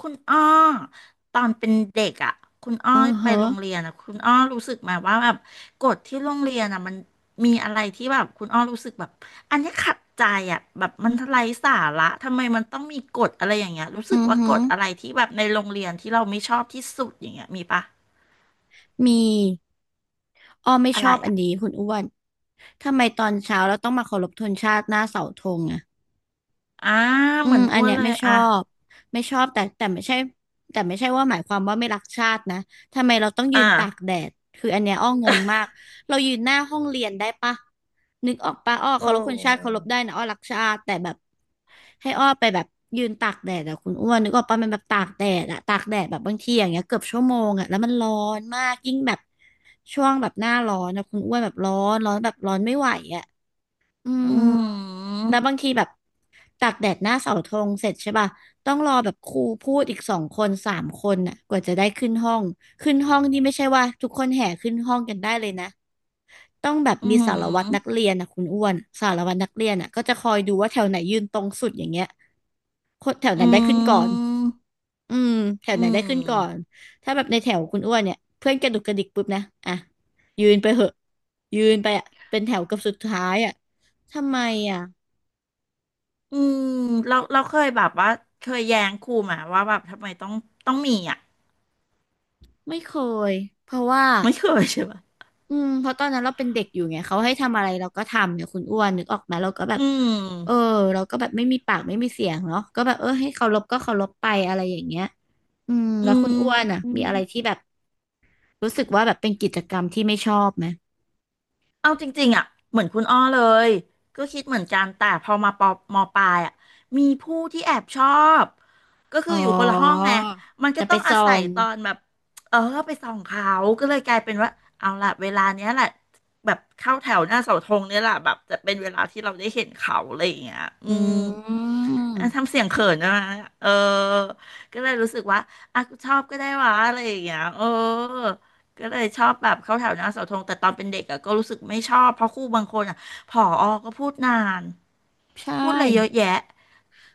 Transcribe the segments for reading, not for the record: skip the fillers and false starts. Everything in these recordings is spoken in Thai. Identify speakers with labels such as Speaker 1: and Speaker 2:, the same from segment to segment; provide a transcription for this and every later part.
Speaker 1: คุณอ้อตอนเป็นเด็กอ่ะคุณอ้อ
Speaker 2: อือ
Speaker 1: ไป
Speaker 2: ฮะ
Speaker 1: โรงเรียนอ่ะคุณอ้อรู้สึกไหมว่าแบบกฎที่โรงเรียนอ่ะมันมีอะไรที่แบบคุณอ้อรู้สึกแบบอันนี้ขัดใจอ่ะแบบมันไร้สาระทำไมมันต้องมีกฎอะไรอย่างเงี้ยรู้สึก
Speaker 2: อือ
Speaker 1: ว่า
Speaker 2: ฮึ
Speaker 1: กฎอะไรที่แบบในโรงเรียนที่เราไม่ชอบที่สุดอย่างเงี้ยมีปะ
Speaker 2: มีอ้อไม่
Speaker 1: อะ
Speaker 2: ช
Speaker 1: ไร
Speaker 2: อบอัน
Speaker 1: อ่ะ
Speaker 2: นี้คุณอ้วน ทำไมตอนเช้าเราต้องมาเคารพธงชาติหน้าเสาธงอะ
Speaker 1: อ่า
Speaker 2: อื
Speaker 1: เหมือ
Speaker 2: ม
Speaker 1: น
Speaker 2: อั
Speaker 1: อ้
Speaker 2: น
Speaker 1: วน
Speaker 2: เนี้ย
Speaker 1: เลย
Speaker 2: ไม่ชอ
Speaker 1: อ่ะ
Speaker 2: บไม่ชอบแต่ไม่ใช่แต่ไม่ใช่ว่าหมายความว่าไม่รักชาตินะทำไมเราต้องยื
Speaker 1: อ่า
Speaker 2: นตากแดดคืออันเนี้ยอ้องงมาก เรายืนหน้าห้องเรียนได้ปะนึกออกปะอ้อเคา
Speaker 1: โอ้
Speaker 2: รพคนชาติเคารพได้นะอ้อรักชาติแต่แบบให้อ้อไปแบบยืนตากแดดอะคุณอ้วนนึกออกปะมันแบบตากแดดอะตากแดดแบบบางทีอย่างเงี้ยเกือบชั่วโมงอะแล้วมันร้อนมากยิ่งแบบช่วงแบบหน้าร้อนนะคุณอ้วนแบบร้อนร้อนแบบร้อนไม่ไหวอะ อื
Speaker 1: อื
Speaker 2: ม
Speaker 1: ม
Speaker 2: แล้วบางทีแบบตากแดดหน้าเสาธงเสร็จใช่ป่ะต้องรอแบบครูพูดอีกสองคนสามคนน่ะกว่าจะได้ขึ้นห้องขึ้นห้องนี่ไม่ใช่ว่าทุกคนแห่ขึ้นห้องกันได้เลยนะต้องแบบ
Speaker 1: อื
Speaker 2: มีสารวัตรนัก
Speaker 1: ม
Speaker 2: เรียนน่ะคุณอ้วนสารวัตรนักเรียนอ่ะก็จะคอยดูว่าแถวไหนยืนตรงสุดอย่างเงี้ยคนแถวนั้
Speaker 1: อื
Speaker 2: นได้ขึ้นก่อน
Speaker 1: ม
Speaker 2: อืมแถว
Speaker 1: อื
Speaker 2: ไหนได้ขึ้นก่อน
Speaker 1: ม
Speaker 2: ถ้าแบบในแถวคุณอ้วนเนี่ยเพื่อนกระดุกกระดิกปุ๊บนะอ่ะยืนไปเหอะยืนไปอ่ะเป็นแถวเกับสุดท้ายอ่ะทำไมอ่ะ
Speaker 1: อืมเราเคยแบบว่าเคยแย้งครูมาว่าแบบทำไมต้องมีอ่ะ
Speaker 2: ไม่เคย เพราะว่า
Speaker 1: ไม่เคยใช่ปะ
Speaker 2: อืมเพราะตอนนั้นเราเป็นเด็กอยู่ไงเขาให้ทำอะไรเราก็ทำเนี่ยคุณอ้วนนึกออกไหมเราก็แบ
Speaker 1: อื
Speaker 2: บ
Speaker 1: ม
Speaker 2: เออเราก็แบบไม่มีปากไม่มีเสียงเนาะก็แบบเออให้เคารพก็เคารพไปอะไรอย่างเงี้ยอืม
Speaker 1: อื
Speaker 2: แล้วคุ
Speaker 1: ม
Speaker 2: ณอ้วนอ่ะ
Speaker 1: อื
Speaker 2: มี
Speaker 1: ม
Speaker 2: อะไรที่แบบรู้สึกว่าแบบเป็นกิจกรรมที่ไม่ชอบไหม
Speaker 1: เอาจริงๆอ่ะเหมือนคุณอ้อเลยก็คิดเหมือนกันแต่พอมาปอมอปลายอ่ะมีผู้ที่แอบชอบก็คื
Speaker 2: อ๋
Speaker 1: อ
Speaker 2: อ
Speaker 1: อยู่คนละห้องไงมันก็
Speaker 2: จะไป
Speaker 1: ต้องอา
Speaker 2: ส่อ
Speaker 1: ศัย
Speaker 2: ง
Speaker 1: ตอนแบบเออไปส่องเขาก็เลยกลายเป็นว่าเอาล่ะเวลาเนี้ยแหละแบบเข้าแถวหน้าเสาธงเนี่ยแหละแบบจะเป็นเวลาที่เราได้เห็นเขาอะไรอย่างเงี้ยอื
Speaker 2: อื
Speaker 1: ม
Speaker 2: ม
Speaker 1: อ่ะทำเสียงเขินนะเออ ก็เลยรู้สึกว่าอ่ะชอบก็ได้วะอะไรอย่างเงี้ยเออ ก็เลยชอบแบบเข้าแถวหน้าเสาธงแต่ตอนเป็นเด็กอะก็รู้สึกไม่ชอบ เพราะครูบางคนอะผอก็พูดนาน
Speaker 2: ใช่
Speaker 1: พูดอะไรเยอะแยะ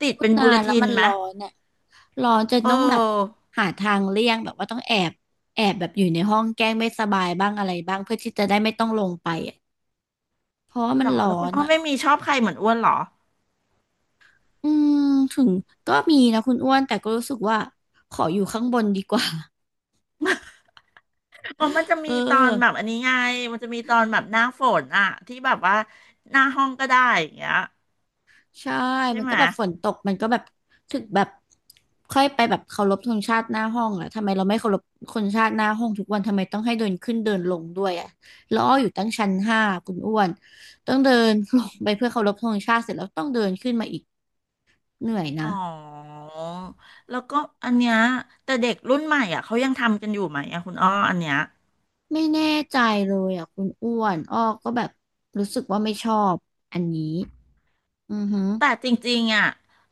Speaker 1: ติด
Speaker 2: พูด
Speaker 1: เป็นบู
Speaker 2: นา
Speaker 1: เล
Speaker 2: นแล้
Speaker 1: ติ
Speaker 2: ว
Speaker 1: น
Speaker 2: มัน
Speaker 1: ไหม
Speaker 2: ร้อนเนี่ยร้อนจน
Speaker 1: เ
Speaker 2: ต้องแบบ
Speaker 1: ออ
Speaker 2: หาทางเลี่ยงแบบว่าต้องแอบแบบอยู่ในห้องแกล้งไม่สบายบ้างอะไรบ้างเพื่อที่จะได้ไม่ต้องลงไปอ่ะเพราะว่า
Speaker 1: ห
Speaker 2: มั
Speaker 1: ร
Speaker 2: น
Speaker 1: อ
Speaker 2: ร้อ
Speaker 1: แล้วคุณ
Speaker 2: น
Speaker 1: อ้อไม่
Speaker 2: อ่ะ
Speaker 1: มีชอบใครเหมือนอ้วนหรอ
Speaker 2: อืมถึงก็มีนะคุณอ้วนแต่ก็รู้สึกว่าขออยู่ข้างบนดีกว่า
Speaker 1: อ๋อมันจะ
Speaker 2: เอ
Speaker 1: มี
Speaker 2: อ
Speaker 1: ตอนแบบอันนี้ไงมันจะมีตอนแบบหน้าฝนอะที่แบบว่าหน้าห้องก็ได้อย่างเงี้ย
Speaker 2: ใช่
Speaker 1: ใช่
Speaker 2: มัน
Speaker 1: ไหม
Speaker 2: ก็แบบฝนตกมันก็แบบถึกแบบค่อยไปแบบเคารพธงชาติหน้าห้องอะทำไมเราไม่เคารพคนชาติหน้าห้องทุกวัน ทำไมต้องให้เดินขึ้นเดินลงด้วยอะแล้วอ้ออยู่ตั้งชั้นห้าคุณอ้วน ต้องเดินลงไปเพื่อเคารพธงชาติเสร็จแล้วต้องเดินขึ้นมาอีกเหนื่อย
Speaker 1: อ๋
Speaker 2: นะ
Speaker 1: อแล้วก็อันเนี้ยแต่เด็กรุ่นใหม่อ่ะเขายังทำกันอยู่ไหมอ่ะคุณอ้ออันเนี้ย
Speaker 2: ไม่แน่ใจเลยอะคุณอ้วนอ้อก็แบบรู้สึกว่าไม่ชอบอันนี้อือหือ
Speaker 1: แต่จริงๆอ่ะ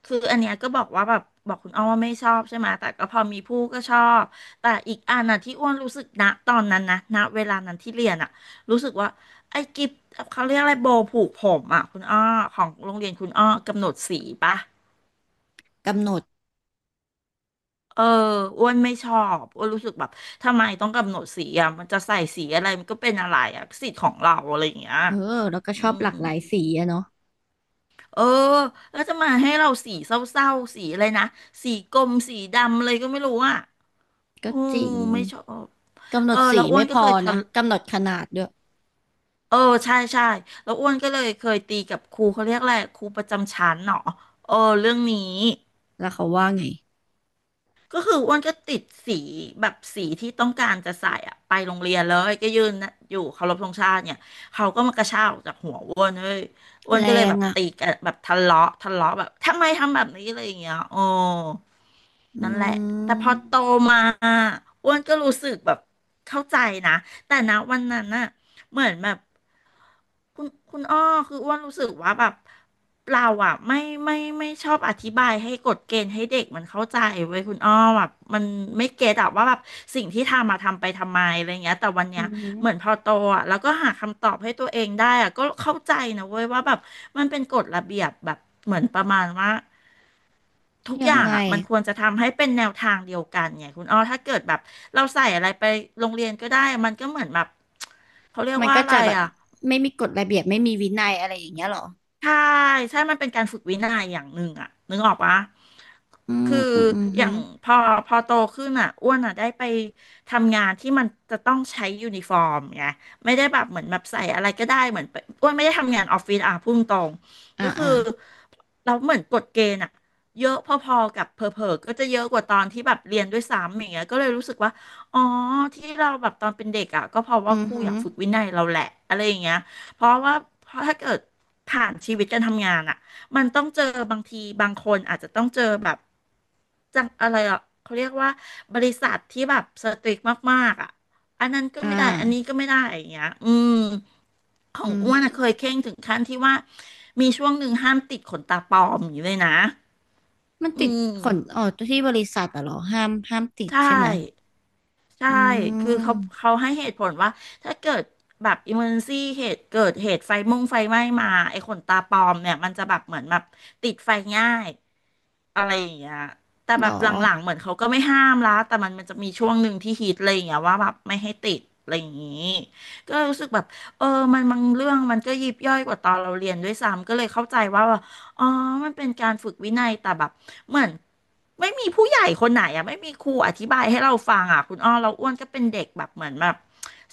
Speaker 1: คืออันเนี้ยก็บอกว่าแบบบอกคุณอ้อว่าไม่ชอบใช่ไหมแต่ก็พอมีผู้ก็ชอบแต่อีกอันน่ะที่อ้วนรู้สึกณตอนนั้นนะณเวลานั้นที่เรียนอ่ะรู้สึกว่าไอ้กิฟต์เขาเรียกอะไรโบว์ผูกผมอ่ะคุณอ้อของโรงเรียนคุณอ้อกำหนดสีปะ
Speaker 2: กำหนด
Speaker 1: เอออ้วนไม่ชอบอ้วนรู้สึกแบบทำไมต้องกำหนดสีอ่ะ มันจะใส่สีอะไรมันก็เป็นอะไรอ่ะสิทธิ์ของเราอะไรอย่างเงี้ย
Speaker 2: เออแล้วก็
Speaker 1: อื
Speaker 2: ชอบ
Speaker 1: ม
Speaker 2: หลากหลายสีอะเนาะ
Speaker 1: เออแล้วจะมาให้เราสีเศร้าๆ สีอะไรนะสีกรมสีดำเลยก็ไม่รู้อ่ะ
Speaker 2: ก็
Speaker 1: อื
Speaker 2: จ
Speaker 1: ม
Speaker 2: ริง
Speaker 1: ไม่ชอบ
Speaker 2: กำหน
Speaker 1: เออ
Speaker 2: ดสี
Speaker 1: แล้วอ้ว
Speaker 2: ไม่
Speaker 1: น
Speaker 2: พ
Speaker 1: ก็
Speaker 2: อ
Speaker 1: เคยทะ
Speaker 2: นะกำหนดขนาดด้วย
Speaker 1: เออใช่ใช่แล้วอ้วนก็เลยเคยตีกับครูเขาเรียกอะไรครูประจำชั้นเนาะเออเรื่องนี้
Speaker 2: แล้วเขาว่าไง
Speaker 1: ก็คืออ้วนก็ติดสีแบบสีที่ต้องการจะใส่อะไปโรงเรียนเลยก็ยืนนะอยู่เคารพธงชาติเนี่ยเขาก็มากระชากออกจากหัวอ้วนเว้ยอ้วน
Speaker 2: แร
Speaker 1: ก็เลย
Speaker 2: ง
Speaker 1: แบบ
Speaker 2: อ่ะ
Speaker 1: ตีกันแบบทะเลาะแบบทำไมทำแบบนี้อะไรอย่างเงี้ยโอ้
Speaker 2: อื
Speaker 1: นั่นแหละแต่พ
Speaker 2: ม
Speaker 1: อโตมาอ้วนก็รู้สึกแบบเข้าใจนะแต่นะวันนั้นน่ะเหมือนแบบคุณอ้อคืออ้วนรู้สึกว่าแบบ เราอ่ะไม่ชอบอธิบายให้กฎเกณฑ์ให้เด็กมันเข้าใจเว้ยคุณอ้อแบบมันไม่เก็ตอะว่าแบบสิ่งที่ทำมาทำไปทำไมอะไรเงี้ยแต่วัน
Speaker 2: อื
Speaker 1: เนี้ยเหมือน
Speaker 2: ม
Speaker 1: พอโตอ่ะแล้วก็หาคำตอบให้ตัวเองได้อ่ะก็เข้าใจนะเว้ยว่าแบบมันเป็นกฎระเบียบแบบเหมือนประมาณว่าทุก
Speaker 2: ยั
Speaker 1: อ
Speaker 2: ง
Speaker 1: ย่าง
Speaker 2: ไง
Speaker 1: อ่ะมันควรจะทำให้เป็นแนวทางเดียวกันไงคุณอ้อถ้าเกิดแบบเราใส่อะไรไปโรงเรียนก็ได้มันก็เหมือนแบบเขาเรียก
Speaker 2: มัน
Speaker 1: ว่า
Speaker 2: ก็
Speaker 1: อะไร
Speaker 2: จะแบบ
Speaker 1: อ่ะ
Speaker 2: ไม่มีกฎระเบียบไม่มีวินัยอะไรอย่างเงี้ยเหรอ
Speaker 1: ใช่ใช่มันเป็นการฝึกวินัยอย่างหนึ่งอะนึกออกปะ
Speaker 2: อื
Speaker 1: คื
Speaker 2: ม
Speaker 1: อ
Speaker 2: อืมอืม
Speaker 1: อ
Speaker 2: ฮึ
Speaker 1: ย่างพอโตขึ้นอะอ้วนอะได้ไปทำงานที่มันจะต้องใช้ยูนิฟอร์มไงไม่ได้แบบเหมือนแบบใส่อะไรก็ได้เหมือนไปอ้วนไม่ได้ทำงานออฟฟิศอะพุ่งตรงๆก็
Speaker 2: อ่า
Speaker 1: คือ
Speaker 2: อ่า
Speaker 1: เราเหมือนกฎเกณฑ์อะเยอะพอๆกับเผลอๆก็จะเยอะกว่าตอนที่แบบเรียนด้วยซ้ำอย่างเงี้ยก็เลยรู้สึกว่าอ๋อที่เราแบบตอนเป็นเด็กอ่ะก็เพราะ
Speaker 2: อื
Speaker 1: ว่า
Speaker 2: ม
Speaker 1: ครู
Speaker 2: ฮึ
Speaker 1: อยากฝึกวินัยเราแหละอะไรอย่างเงี้ย เพราะว่าเพราะถ้าเกิดผ่านชีวิตการทำงานอะมันต้องเจอบางทีบางคนอาจจะต้องเจอแบบจังอะไรอ่ะเขาเรียกว่าบริษัทที่แบบสตริกมากๆอ่ะอันนั้นก็
Speaker 2: อ่า
Speaker 1: ไม่ได้อันนี้ก็ไม่ได้อย่างเงี้ยอืมของ
Speaker 2: อืม
Speaker 1: อ้ว
Speaker 2: ฮึ
Speaker 1: นอะเคยเคร่งถึงขั้นที่ว่ามีช่วงหนึ่งห้ามติดขนตาปลอมอย่างนี้เลยนะ
Speaker 2: มัน
Speaker 1: อื
Speaker 2: ติด
Speaker 1: ม
Speaker 2: ขนอ๋อที่บริษัทอะเหรอห้ามติด
Speaker 1: ใช่
Speaker 2: ใช่ไหม
Speaker 1: ใช่
Speaker 2: อื
Speaker 1: คือเขา
Speaker 2: ม
Speaker 1: เขาให้เหตุผลว่าถ้าเกิดแบบอิมเมอร์ซี่เหตุเกิดเหตุไฟมงไฟไหม้มาไอ้ขนตาปลอมเนี่ยมันจะแบบเหมือนแบบติดไฟง่าย อะไรอย่างเงี้ยแต่
Speaker 2: เห
Speaker 1: แบ
Speaker 2: รอ
Speaker 1: บหลังๆเหมือนเขาก็ไม่ห้ามละแต่มันจะมีช่วงหนึ่งที่ฮิตอะไรอย่างเงี้ยว่าแบบไม่ให้ติดอะไรอย่างงี้ก็รู้สึกแบบเออมันบางเรื่องมันก็ยิบย่อยกว่าตอนเราเรียนด้วยซ้ำก็เลยเข้าใจว่าแบบอ๋อมันเป็นการฝึกวินัย แต่แบบเหมือนไม่มีผู้ใหญ่คนไหนอะไม่มีครูอธิบายให้เราฟังอะคุณอ้อเราอ้วนก็เป็นเด็กแบบเหมือนแบบ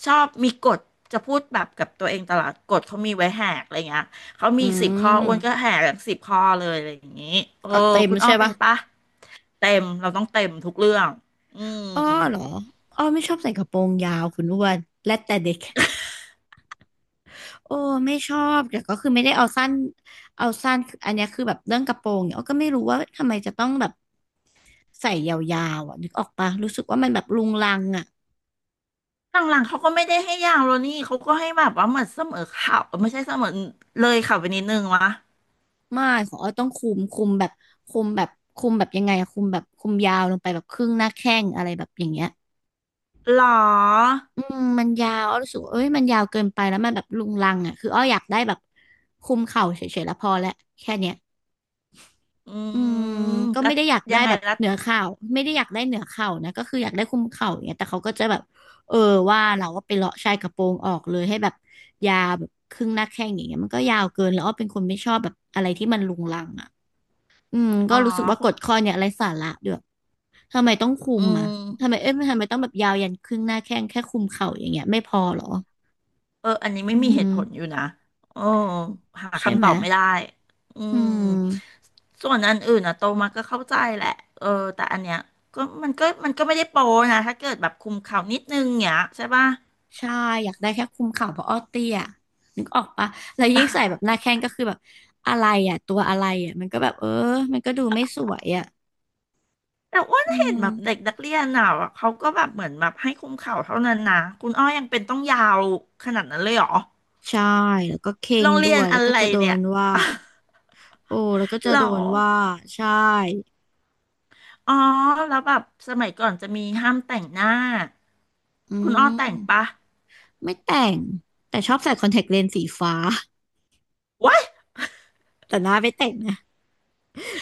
Speaker 1: ชอบมีกฎจะพูดแบบกับตัวเองตลอดกฎเขามีไว้แหกอะไรเงี้ย เขา
Speaker 2: อื
Speaker 1: มี10 ข้ออ้วนก็
Speaker 2: ม
Speaker 1: แห่แบบสิบข้อเลยอะไรอย่างนี้ เออ
Speaker 2: เอาเต็ม
Speaker 1: คุณอ้อ
Speaker 2: ใช่
Speaker 1: เป็
Speaker 2: ปะ
Speaker 1: นปะเต็มเราต้องเต็มทุกเรื่อง อืม
Speaker 2: อ้อเหรออ้อไม่ชอบใส่กระโปรงยาวคุณอ้วนและแต่เด็ก โอ้ไม่ชอบแต่ก็คือไม่ได้เอาสั้นเอาสั้นอันเนี้ยคือแบบเรื่องกระโปรงเนี่ยอ้อก็ไม่รู้ว่าทำไมจะต้องแบบใส่ยาวๆอ่ะนึกออกปะรู้สึกว่ามันแบบรุงรังอ่ะ
Speaker 1: หลังๆเขาก็ไม่ได้ให้ยาวแล้วนี่เขาก็ให้แบบว่าเหมือนเสมอเข่าวไม่ใช่เสมอเลยเข่าวไปนิดนึงวะ
Speaker 2: ไม่ของอ้อต้องคุมแบบคุมแบบคุมแบบยังไงอะคุมแบบคุมยาวลงไปแบบครึ่งหน้าแข้งอะไรแบบอย่างเงี้ย
Speaker 1: หรอ
Speaker 2: อืมมันยาวอ้อรู้สึกว่าเอ้ยมันยาวเกินไปแล้วมันแบบรุงรังอ่ะคืออ้ออยากได้แบบคุมเข่าเฉยๆแล้วพอแล้วแค่เนี้ย
Speaker 1: อื
Speaker 2: อืม
Speaker 1: ม
Speaker 2: ก็
Speaker 1: แล้ว
Speaker 2: ไม่ได้อยาก
Speaker 1: ยั
Speaker 2: ได้
Speaker 1: งไง
Speaker 2: แบบ
Speaker 1: แล้ว
Speaker 2: เหนือเข่าไม่ได้อยากได้เหนือเข่านะก็คืออยากได้คุมเข่าอย่างเงี้ยแต่เขาก็จะแบบเออว่าเราก็ไปเลาะชายกระโปรงออกเลยให้แบบยาวแบบครึ่งหน้าแข้งอย่างเงี้ยมันก็ยาวเกินแล้วอ้อเป็นคนไม่ชอบแบบอะไรที่มันรุงรังอ่ะอืม
Speaker 1: อ๋
Speaker 2: ก็
Speaker 1: อ
Speaker 2: รู้สึกว่ากฎข้อเนี่ยอะไรสาระด้วยทำไมต้องคุ
Speaker 1: อื
Speaker 2: มอ่ะทำไม
Speaker 1: ม
Speaker 2: เอ้ยทำไมต้องแบบยาวยันครึ่งหน้าแข้งแค่คุมเข่าอย่างเงี้ยไม่พอเหรอ
Speaker 1: เอออันนี้ไม่
Speaker 2: อื
Speaker 1: มีเหตุผลอยู่
Speaker 2: ม
Speaker 1: นะเออหา
Speaker 2: ใช่
Speaker 1: คำ
Speaker 2: ไห
Speaker 1: ต
Speaker 2: ม
Speaker 1: อบไม่ได้อื
Speaker 2: อื
Speaker 1: ม
Speaker 2: ม
Speaker 1: ส่วนอันอื่นนะโตมาก็เข้าใจแหละเออแต่อันเนี้ยก็มันก็ไม่ได้โปนะถ้าเกิดแบบคุมเข่าวนิดนึงเนี้ยใช่ป่ะ
Speaker 2: ใช่อยากได้แค่คุมเข่าเพราะอ้อเตี้ยนึกออกปะแล้วยิ่งใส่แบบหน้าแข้งก็คือแบบอะไรอ่ะตัวอะไรอ่ะมันก็แบบเออมันก็ดูไม่สวยอ่ะ
Speaker 1: แต่อ้วน
Speaker 2: อื
Speaker 1: เห็
Speaker 2: ม
Speaker 1: นแบบเด็กนักเรียนอ่ะเขาก็แบบเหมือนแบบให้คุมเข่าเท่านั้นนะคุณอ้อยังเป็นต้องยาวขนาดนั้นเลยเหรอ
Speaker 2: ใช่แล้วก็เค็
Speaker 1: โร
Speaker 2: ง
Speaker 1: ง
Speaker 2: ด้
Speaker 1: เรีย
Speaker 2: ว
Speaker 1: น
Speaker 2: ยแล้
Speaker 1: อะ
Speaker 2: วก็
Speaker 1: ไร
Speaker 2: จะโด
Speaker 1: เนี่ย
Speaker 2: น ว่าโอ้แล้วก็จะ
Speaker 1: หรอ
Speaker 2: โดนว่าใช่
Speaker 1: อ๋อแล้วแบบสมัยก่อนจะมีห้ามแต่งหน้า
Speaker 2: อื
Speaker 1: คุณอ้อแต่งปะ
Speaker 2: มไม่แต่งแต่ชอบใส่คอนแทคเลนส์สีฟ้า
Speaker 1: What?
Speaker 2: แต่หน้าไม่แต่งนะ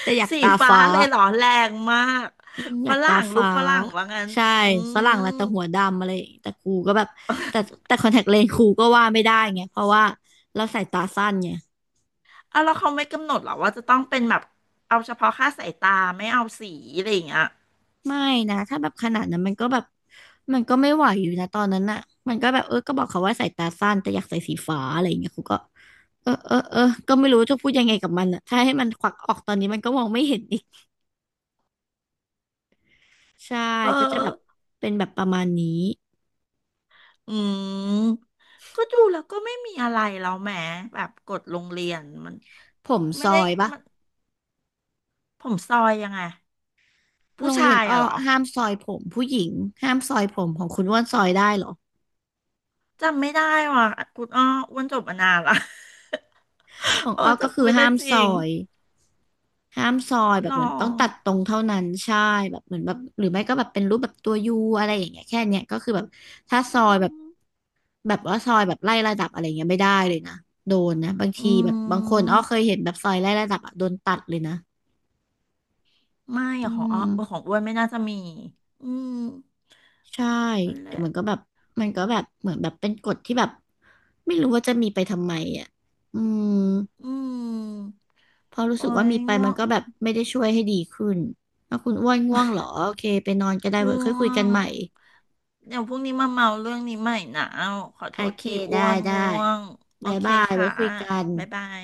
Speaker 2: แต่อยาก
Speaker 1: สี
Speaker 2: ตา
Speaker 1: ฟ้า
Speaker 2: ฟ้า
Speaker 1: เลยเหรอแรงมาก
Speaker 2: อืมอ
Speaker 1: ฝ
Speaker 2: ยากตา
Speaker 1: รั่งลู
Speaker 2: ฟ้า
Speaker 1: กฝรั่งว่างั้น
Speaker 2: ใช่
Speaker 1: อื
Speaker 2: ฝรั่งละแต่
Speaker 1: ม
Speaker 2: หัวดำอะไรอย่างงี้แต่กูก็แบบแต่แต่คอนแทคเลนส์กูก็ว่าไม่ได้ไงเพราะว่าเราใส่ตาสั้นไง
Speaker 1: เอาแล้วเขาไม่กำหนดเหรอว่าจะต้องเป็นแบบเอาเฉพาะค่าสายตาไม่เอาสีอะไรอย่างเงี้ย
Speaker 2: ไม่นะถ้าแบบขนาดนั้นมันก็แบบมันก็ไม่ไหวอยู่นะตอนนั้นน่ะมันก็แบบเออก็บอกเขาว่าใส่ตาสั้นแต่อยากใส่สีฟ้าอะไรอย่างเงี้ยกูก็เออก็ไม่รู้จะพูดยังไงกับมันอ่ะถ้าให้มันควักออกตอนนี้มันก็มองไม่เห็นอีกใช่
Speaker 1: เอ
Speaker 2: ก็จะแบบ
Speaker 1: อ
Speaker 2: เป็นแบบประมาณนี้
Speaker 1: อืมก็ดูแล้วก็ไม่มีอะไรแล้วแหมแบบกฎโรงเรียนมัน
Speaker 2: ผมซ
Speaker 1: ไม่ได้
Speaker 2: อยปะ
Speaker 1: มันผมซอยยังไง
Speaker 2: โร
Speaker 1: ผู้
Speaker 2: ง
Speaker 1: ชา
Speaker 2: เรียน
Speaker 1: ย
Speaker 2: อ้
Speaker 1: อะ
Speaker 2: อ
Speaker 1: เหรอ
Speaker 2: ห้ามซอยผมผู้หญิงห้ามซอยผมของคุณว่านซอยได้เหรอ
Speaker 1: จำไม่ได้ว่ะคุณอ้ออ้วนจบมานานละ
Speaker 2: ของ
Speaker 1: โอ้
Speaker 2: อ้อก็คื
Speaker 1: จำ
Speaker 2: อ
Speaker 1: ไม่ได้จริง
Speaker 2: ยห้ามซอยแบ
Speaker 1: หร
Speaker 2: บ
Speaker 1: อ
Speaker 2: เหมือนต้องตัดตรงเท่านั้นใช่แบบเหมือนแบบหรือไม่ก็แบบเป็นรูปแบบตัวยูอะไรอย่างเงี้ยแค่เนี้ยก็คือแบบถ้าซอยแบบแบบว่าซอยแบบไล่ระดับอะไรเงี้ยไม่ได้เลยนะโดนนะบาง
Speaker 1: อื
Speaker 2: ทีแบบบางคนอ้อเคย
Speaker 1: ม
Speaker 2: เห็นแบบซอยไล่ระดับอะโดนตัดเลยนะ
Speaker 1: ไม่
Speaker 2: อื
Speaker 1: อะของอ้อขอ
Speaker 2: ม
Speaker 1: งอ้วนไม่น่าจะมี อืม
Speaker 2: ใช่
Speaker 1: นั่นแห
Speaker 2: แต่
Speaker 1: ละ
Speaker 2: มันก็แบบมันก็แบบเหมือนแบบเป็นกฎที่แบบไม่รู้ว่าจะมีไปทำไมอ่ะอืม
Speaker 1: อืม
Speaker 2: เพราะรู้
Speaker 1: โอ้
Speaker 2: สึกว่า
Speaker 1: ย
Speaker 2: มีไป
Speaker 1: ง่
Speaker 2: มั
Speaker 1: ว
Speaker 2: น
Speaker 1: ง
Speaker 2: ก็แบบไม่ได้ช่วยให้ดีขึ้นถ้าคุณอ้วนง่วงเหรอโอเคไปนอนก็ได้เว้ย
Speaker 1: ง่
Speaker 2: ค่อย
Speaker 1: ว
Speaker 2: คุยกัน
Speaker 1: ง
Speaker 2: ใหม่
Speaker 1: เดี๋ยวพรุ่งนี้มาเมาเรื่องนี้ใหม่นะขอ
Speaker 2: โอ
Speaker 1: โทษ
Speaker 2: เค
Speaker 1: ทีอ้
Speaker 2: ได้
Speaker 1: วน
Speaker 2: ได้
Speaker 1: ง่วงโอ
Speaker 2: บ๊าย
Speaker 1: เค
Speaker 2: บายไว้
Speaker 1: ค่ะ
Speaker 2: คุยกัน
Speaker 1: บ๊ายบาย